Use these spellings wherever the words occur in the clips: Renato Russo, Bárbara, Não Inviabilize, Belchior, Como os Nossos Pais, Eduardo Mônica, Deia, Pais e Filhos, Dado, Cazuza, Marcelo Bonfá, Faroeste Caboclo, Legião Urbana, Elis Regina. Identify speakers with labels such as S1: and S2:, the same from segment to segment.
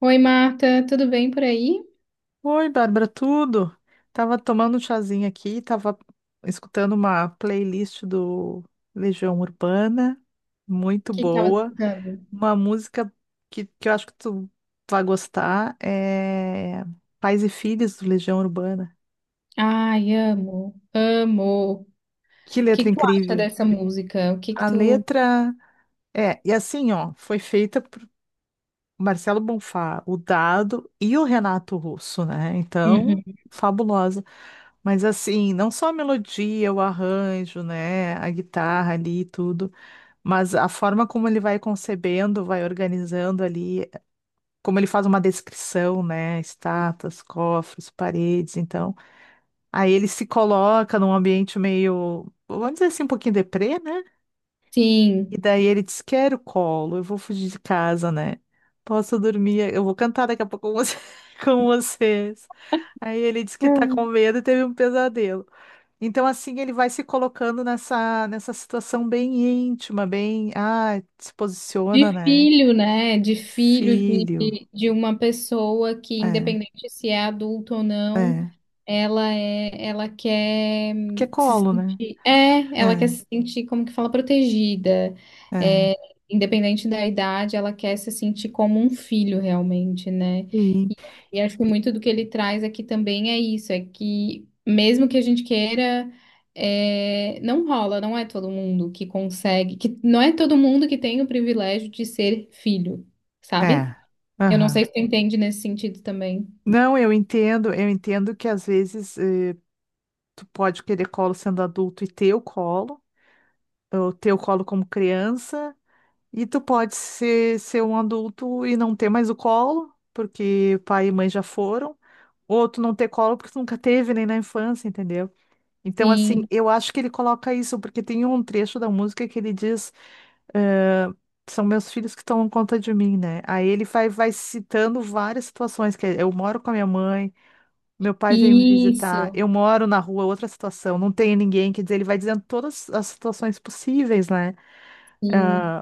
S1: Oi, Marta, tudo bem por aí? O
S2: Oi, Bárbara, tudo? Tava tomando um chazinho aqui, tava escutando uma playlist do Legião Urbana, muito
S1: que que tava
S2: boa.
S1: escutando?
S2: Uma música que eu acho que tu vai gostar é Pais e Filhos do Legião Urbana.
S1: Ai, amo, amo. O
S2: Que
S1: que
S2: letra
S1: que tu acha
S2: incrível!
S1: dessa música? O que que
S2: A
S1: tu...
S2: letra assim, ó, foi feita o Marcelo Bonfá, o Dado e o Renato Russo, né? Então,
S1: Uhum.
S2: fabulosa. Mas assim, não só a melodia, o arranjo, né, a guitarra ali e tudo, mas a forma como ele vai concebendo, vai organizando ali, como ele faz uma descrição, né, estátuas, cofres, paredes, então, aí ele se coloca num ambiente meio, vamos dizer assim, um pouquinho deprê, né? E
S1: Sim.
S2: daí ele disse: Quero colo, eu vou fugir de casa, né? Posso dormir, eu vou cantar daqui a pouco com você- com vocês. Aí ele disse que tá com medo e teve um pesadelo. Então, assim, ele vai se colocando nessa situação bem íntima, bem. Ah, se posiciona,
S1: De
S2: né?
S1: filho, né? De filho de,
S2: Filho.
S1: de uma pessoa que,
S2: É,
S1: independente se é adulto ou não,
S2: é.
S1: ela quer
S2: Porque é
S1: se
S2: colo, né?
S1: sentir,
S2: É,
S1: como que fala, protegida.
S2: é.
S1: É, independente da idade, ela quer se sentir como um filho realmente, né?
S2: Sim.
S1: E, e acho que muito do que ele traz aqui também é isso, é que mesmo que a gente queira não rola, não é todo mundo que consegue, que não é todo mundo que tem o privilégio de ser filho, sabe?
S2: É.
S1: Eu não sei se
S2: Aham.
S1: tu entende nesse sentido também.
S2: Não, eu entendo que às vezes. Tu pode querer colo sendo adulto e ter o colo, ou ter o colo como criança, e tu pode ser um adulto e não ter mais o colo, porque pai e mãe já foram, ou tu não ter colo porque tu nunca teve nem na infância, entendeu? Então, assim,
S1: Sim,
S2: eu acho que ele coloca isso, porque tem um trecho da música que ele diz, eh, são meus filhos que tomam conta de mim, né? Aí ele vai citando várias situações, que é, eu moro com a minha mãe, meu pai veio me visitar.
S1: isso,
S2: Eu moro na rua, outra situação. Não tem ninguém. Quer dizer, ele vai dizendo todas as situações possíveis, né? É,
S1: sim,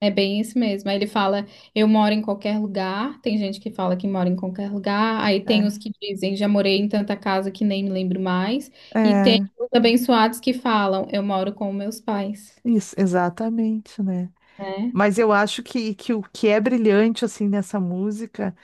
S1: é bem isso mesmo. Aí ele fala, eu moro em qualquer lugar, tem gente que fala que mora em qualquer lugar, aí tem os que dizem, já morei em tanta casa que nem me lembro mais,
S2: é,
S1: e tem
S2: é,
S1: os abençoados que falam, eu moro com meus pais,
S2: isso, exatamente, né?
S1: né?
S2: Mas eu acho que o que é brilhante, assim, nessa música,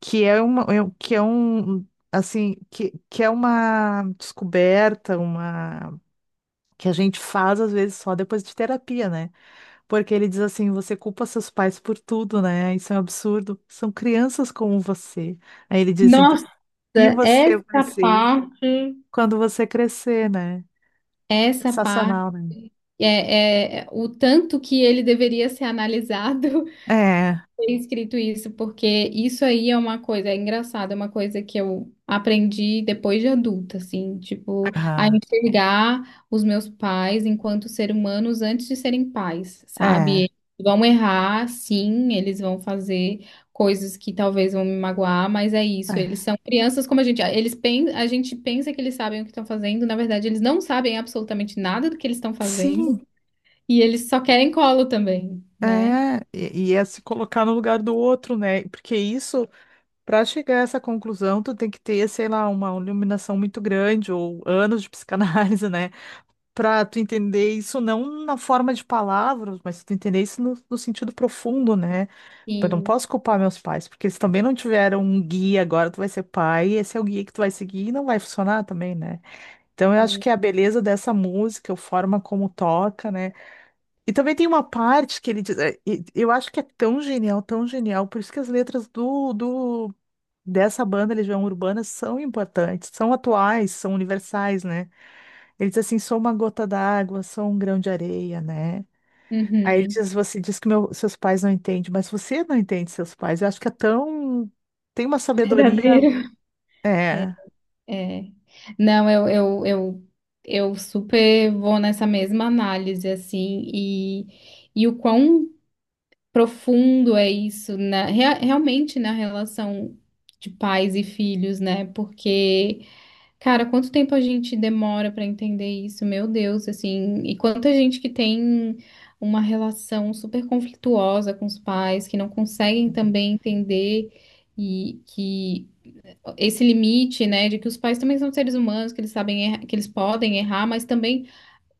S2: que é uma, que é um, assim, que é uma descoberta, uma, que a gente faz, às vezes, só depois de terapia, né? Porque ele diz assim, você culpa seus pais por tudo, né? Isso é um absurdo. São crianças como você. Aí ele diz,
S1: Nossa,
S2: E você vai
S1: essa
S2: ser
S1: parte.
S2: quando você crescer, né?
S1: Essa parte
S2: Sensacional, né?
S1: é o tanto que ele deveria ser analisado
S2: É,
S1: tem escrito isso, porque isso aí é uma coisa, é engraçado, é uma coisa que eu aprendi depois de adulta, assim, tipo, a
S2: ah,
S1: enxergar os meus pais enquanto ser humanos antes de serem pais, sabe?
S2: é,
S1: Eles vão errar, sim, eles vão fazer coisas que talvez vão me magoar, mas é isso,
S2: é.
S1: eles são crianças como a gente, a gente pensa que eles sabem o que estão fazendo, na verdade, eles não sabem absolutamente nada do que eles estão
S2: Sim,
S1: fazendo, e eles só querem colo também, né?
S2: é. E é se colocar no lugar do outro, né? Porque isso, para chegar a essa conclusão, tu tem que ter, sei lá, uma iluminação muito grande ou anos de psicanálise, né? Para tu entender isso não na forma de palavras, mas tu entender isso no sentido profundo, né? Eu não
S1: Sim,
S2: posso culpar meus pais, porque eles também não tiveram um guia. Agora tu vai ser pai, e esse é o guia que tu vai seguir e não vai funcionar também, né? Então eu acho
S1: sim.
S2: que é a beleza dessa música, a forma como toca, né? E também tem uma parte que ele diz, é, e eu acho que é tão genial, por isso que as letras do, do dessa banda Legião Urbana são importantes, são atuais, são universais, né? Ele diz assim: sou uma gota d'água, sou um grão de areia, né? Aí
S1: Uhum.
S2: diz, você diz que seus pais não entendem, mas você não entende seus pais. Eu acho que é tão. Tem uma sabedoria.
S1: Verdadeiro.
S2: É,
S1: É. Não, eu super vou nessa mesma análise, assim, e o quão profundo é isso realmente na relação de pais e filhos, né? Porque, cara, quanto tempo a gente demora para entender isso, meu Deus, assim, e quanta gente que tem uma relação super conflituosa com os pais, que não conseguem também entender. E que esse limite, né, de que os pais também são seres humanos, que eles sabem, que eles podem errar, mas também,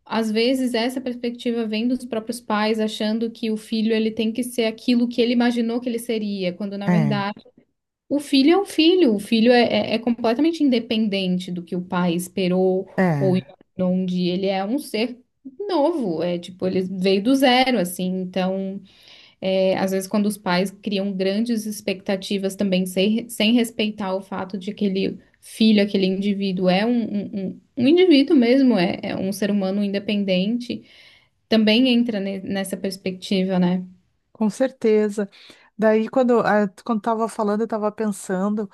S1: às vezes, essa perspectiva vem dos próprios pais, achando que o filho, ele tem que ser aquilo que ele imaginou que ele seria, quando, na
S2: é,
S1: verdade, o filho é um filho, o filho é completamente independente do que o pai esperou ou
S2: é,
S1: imaginou um dia, ele é um ser novo, é tipo, ele veio do zero, assim, então... É, às vezes, quando os pais criam grandes expectativas também, sem, sem respeitar o fato de aquele filho, aquele indivíduo é um indivíduo mesmo, é um ser humano independente, também entra nessa perspectiva, né?
S2: com certeza. Daí, quando tava falando, eu tava pensando.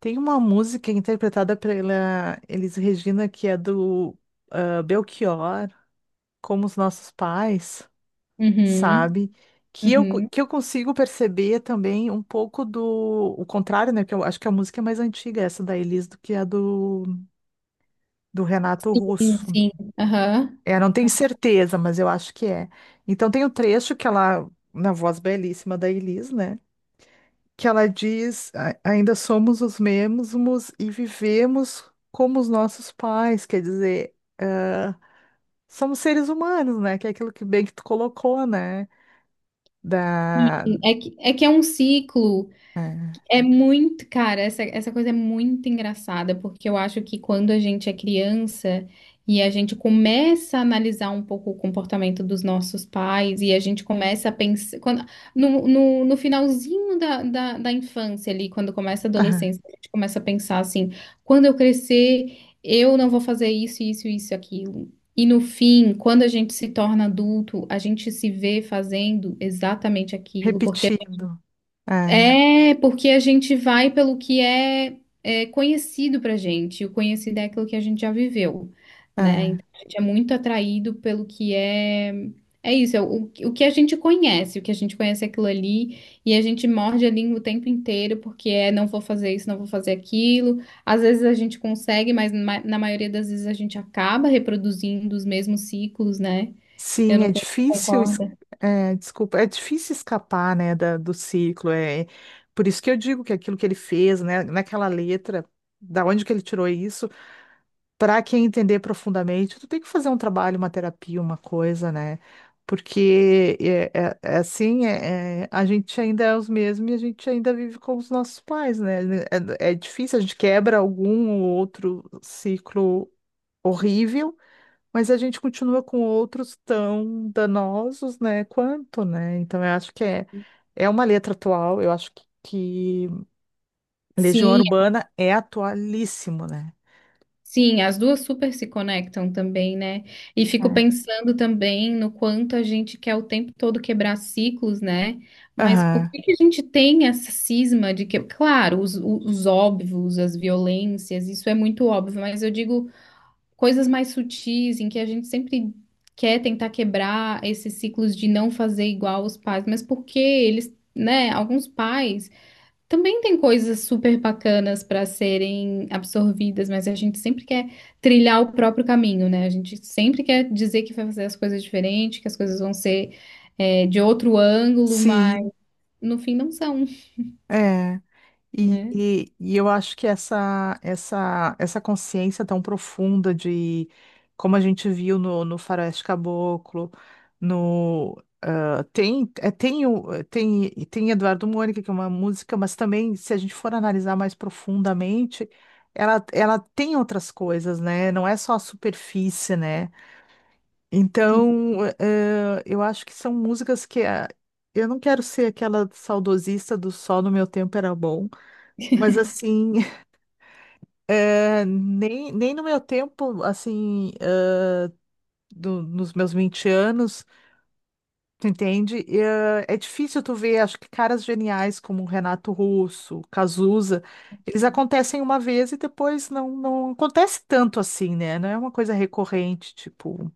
S2: Tem uma música interpretada pela Elis Regina, que é do Belchior, Como os Nossos Pais,
S1: Uhum,
S2: sabe? Que eu,
S1: uhum.
S2: que eu consigo perceber também um pouco do o contrário, né? Que eu acho que a música é mais antiga, essa da Elis, do que a do Renato
S1: Sim,
S2: Russo.
S1: sim. Aham.
S2: É, não tenho certeza, mas eu acho que é. Então tem o trecho que ela, na voz belíssima da Elis, né? Que ela diz: ainda somos os mesmos e vivemos como os nossos pais, quer dizer, ah, somos seres humanos, né? Que é aquilo que bem que tu colocou, né?
S1: Sim,
S2: Da,
S1: é que é um ciclo.
S2: é,
S1: É muito, cara, essa coisa é muito engraçada, porque eu acho que quando a gente é criança e a gente começa a analisar um pouco o comportamento dos nossos pais e a gente começa a pensar. Quando, no finalzinho da infância ali, quando começa a adolescência, a gente começa a pensar assim: quando eu crescer, eu não vou fazer isso, isso, isso, aquilo. E no fim, quando a gente se torna adulto, a gente se vê fazendo exatamente aquilo, porque
S2: repetindo. É,
S1: porque a gente vai pelo que é conhecido pra gente. E o conhecido é aquilo que a gente já viveu, né?
S2: é.
S1: Então, a gente é muito atraído pelo que é. É isso, é o que a gente conhece, o que a gente conhece é aquilo ali, e a gente morde a língua o tempo inteiro, porque é não vou fazer isso, não vou fazer aquilo. Às vezes a gente consegue, mas na maioria das vezes a gente acaba reproduzindo os mesmos ciclos, né? Eu
S2: Sim,
S1: não
S2: é
S1: sei se você
S2: difícil,
S1: concorda.
S2: desculpa, é difícil escapar, né, do ciclo. É é por isso que eu digo que aquilo que ele fez, né, naquela letra, da onde que ele tirou isso, para quem entender profundamente, tu tem que fazer um trabalho, uma terapia, uma coisa, né? Porque é assim, é, a gente ainda é os mesmos e a gente ainda vive com os nossos pais, né? É, é difícil, a gente quebra algum ou outro ciclo horrível. Mas a gente continua com outros tão danosos, né, quanto, né? Então eu acho que é, é uma letra atual, eu acho que Legião
S1: Sim,
S2: Urbana é atualíssimo, né?
S1: sim, as duas super se conectam também, né? E fico
S2: É.
S1: pensando também no quanto a gente quer o tempo todo quebrar ciclos, né? Mas por
S2: Aham,
S1: que que a gente tem essa cisma de que, claro, os óbvios, as violências, isso é muito óbvio, mas eu digo coisas mais sutis em que a gente sempre quer tentar quebrar esses ciclos de não fazer igual os pais, mas por que eles, né? Alguns pais. Também tem coisas super bacanas para serem absorvidas, mas a gente sempre quer trilhar o próprio caminho, né? A gente sempre quer dizer que vai fazer as coisas diferentes, que as coisas vão ser, é, de outro ângulo, mas
S2: sim,
S1: no fim não são,
S2: é. E,
S1: né?
S2: e- e eu acho que essa consciência tão profunda de como a gente viu no Faroeste Caboclo, no ah, tem, é, tem, o- eh, tem, tem Eduardo Mônica, que é uma música, mas também, se a gente for analisar mais profundamente, ela tem outras coisas, né? Não é só a superfície, né?
S1: Sim,
S2: Então, eu acho que são músicas que eu não quero ser aquela saudosista do só no meu tempo era bom. Mas assim, nem no meu tempo, assim, nos meus 20 anos, tu entende? E, é difícil tu ver, acho que caras geniais como o Renato Russo, Cazuza, eles acontecem uma vez e depois não acontece tanto assim, né? Não é uma coisa recorrente, tipo,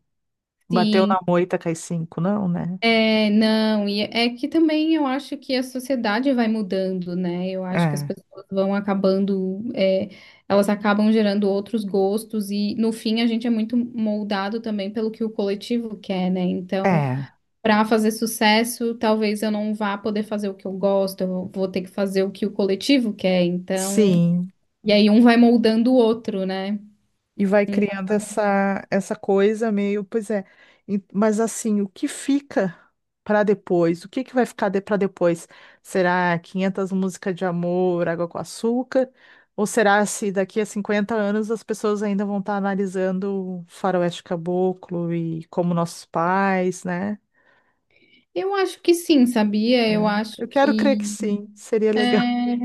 S2: bateu
S1: sim.
S2: na moita, cai cinco, não, né?
S1: É, não, e é que também eu acho que a sociedade vai mudando, né? Eu acho que as
S2: É,
S1: pessoas vão acabando, é, elas acabam gerando outros gostos, e no fim a gente é muito moldado também pelo que o coletivo quer, né? Então.
S2: é,
S1: Para fazer sucesso, talvez eu não vá poder fazer o que eu gosto, eu vou ter que fazer o que o coletivo quer, então.
S2: sim.
S1: E aí um vai moldando o outro, né?
S2: E vai criando essa, essa coisa meio, pois é. Mas assim, o que fica para depois? O que que vai ficar de, para depois? Será 500 músicas de amor, água com açúcar? Ou será se daqui a 50 anos as pessoas ainda vão estar analisando Faroeste Caboclo e como nossos pais, né?
S1: Eu acho que sim, sabia?
S2: É.
S1: Eu acho
S2: Eu quero crer
S1: que
S2: que sim, seria legal.
S1: é,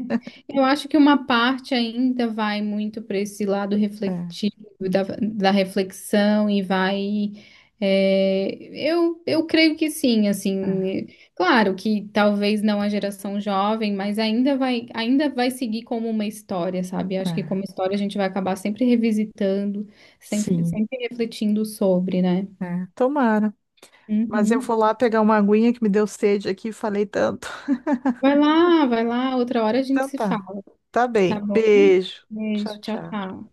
S1: eu acho que uma parte ainda vai muito para esse lado
S2: É,
S1: refletivo da reflexão e vai. é, eu creio que sim,
S2: é,
S1: assim, claro que talvez não a geração jovem, mas ainda vai seguir como uma história, sabe? Acho que
S2: é.
S1: como história a gente vai acabar sempre revisitando, sempre,
S2: Sim,
S1: sempre refletindo sobre, né?
S2: é. Tomara. Mas eu
S1: Uhum.
S2: vou lá pegar uma aguinha que me deu sede aqui, falei tanto.
S1: Vai lá, outra hora a gente
S2: Então
S1: se
S2: tá.
S1: fala,
S2: Tá
S1: tá
S2: bem.
S1: bom?
S2: Beijo. Tchau,
S1: Beijo, tchau,
S2: tchau.
S1: tchau.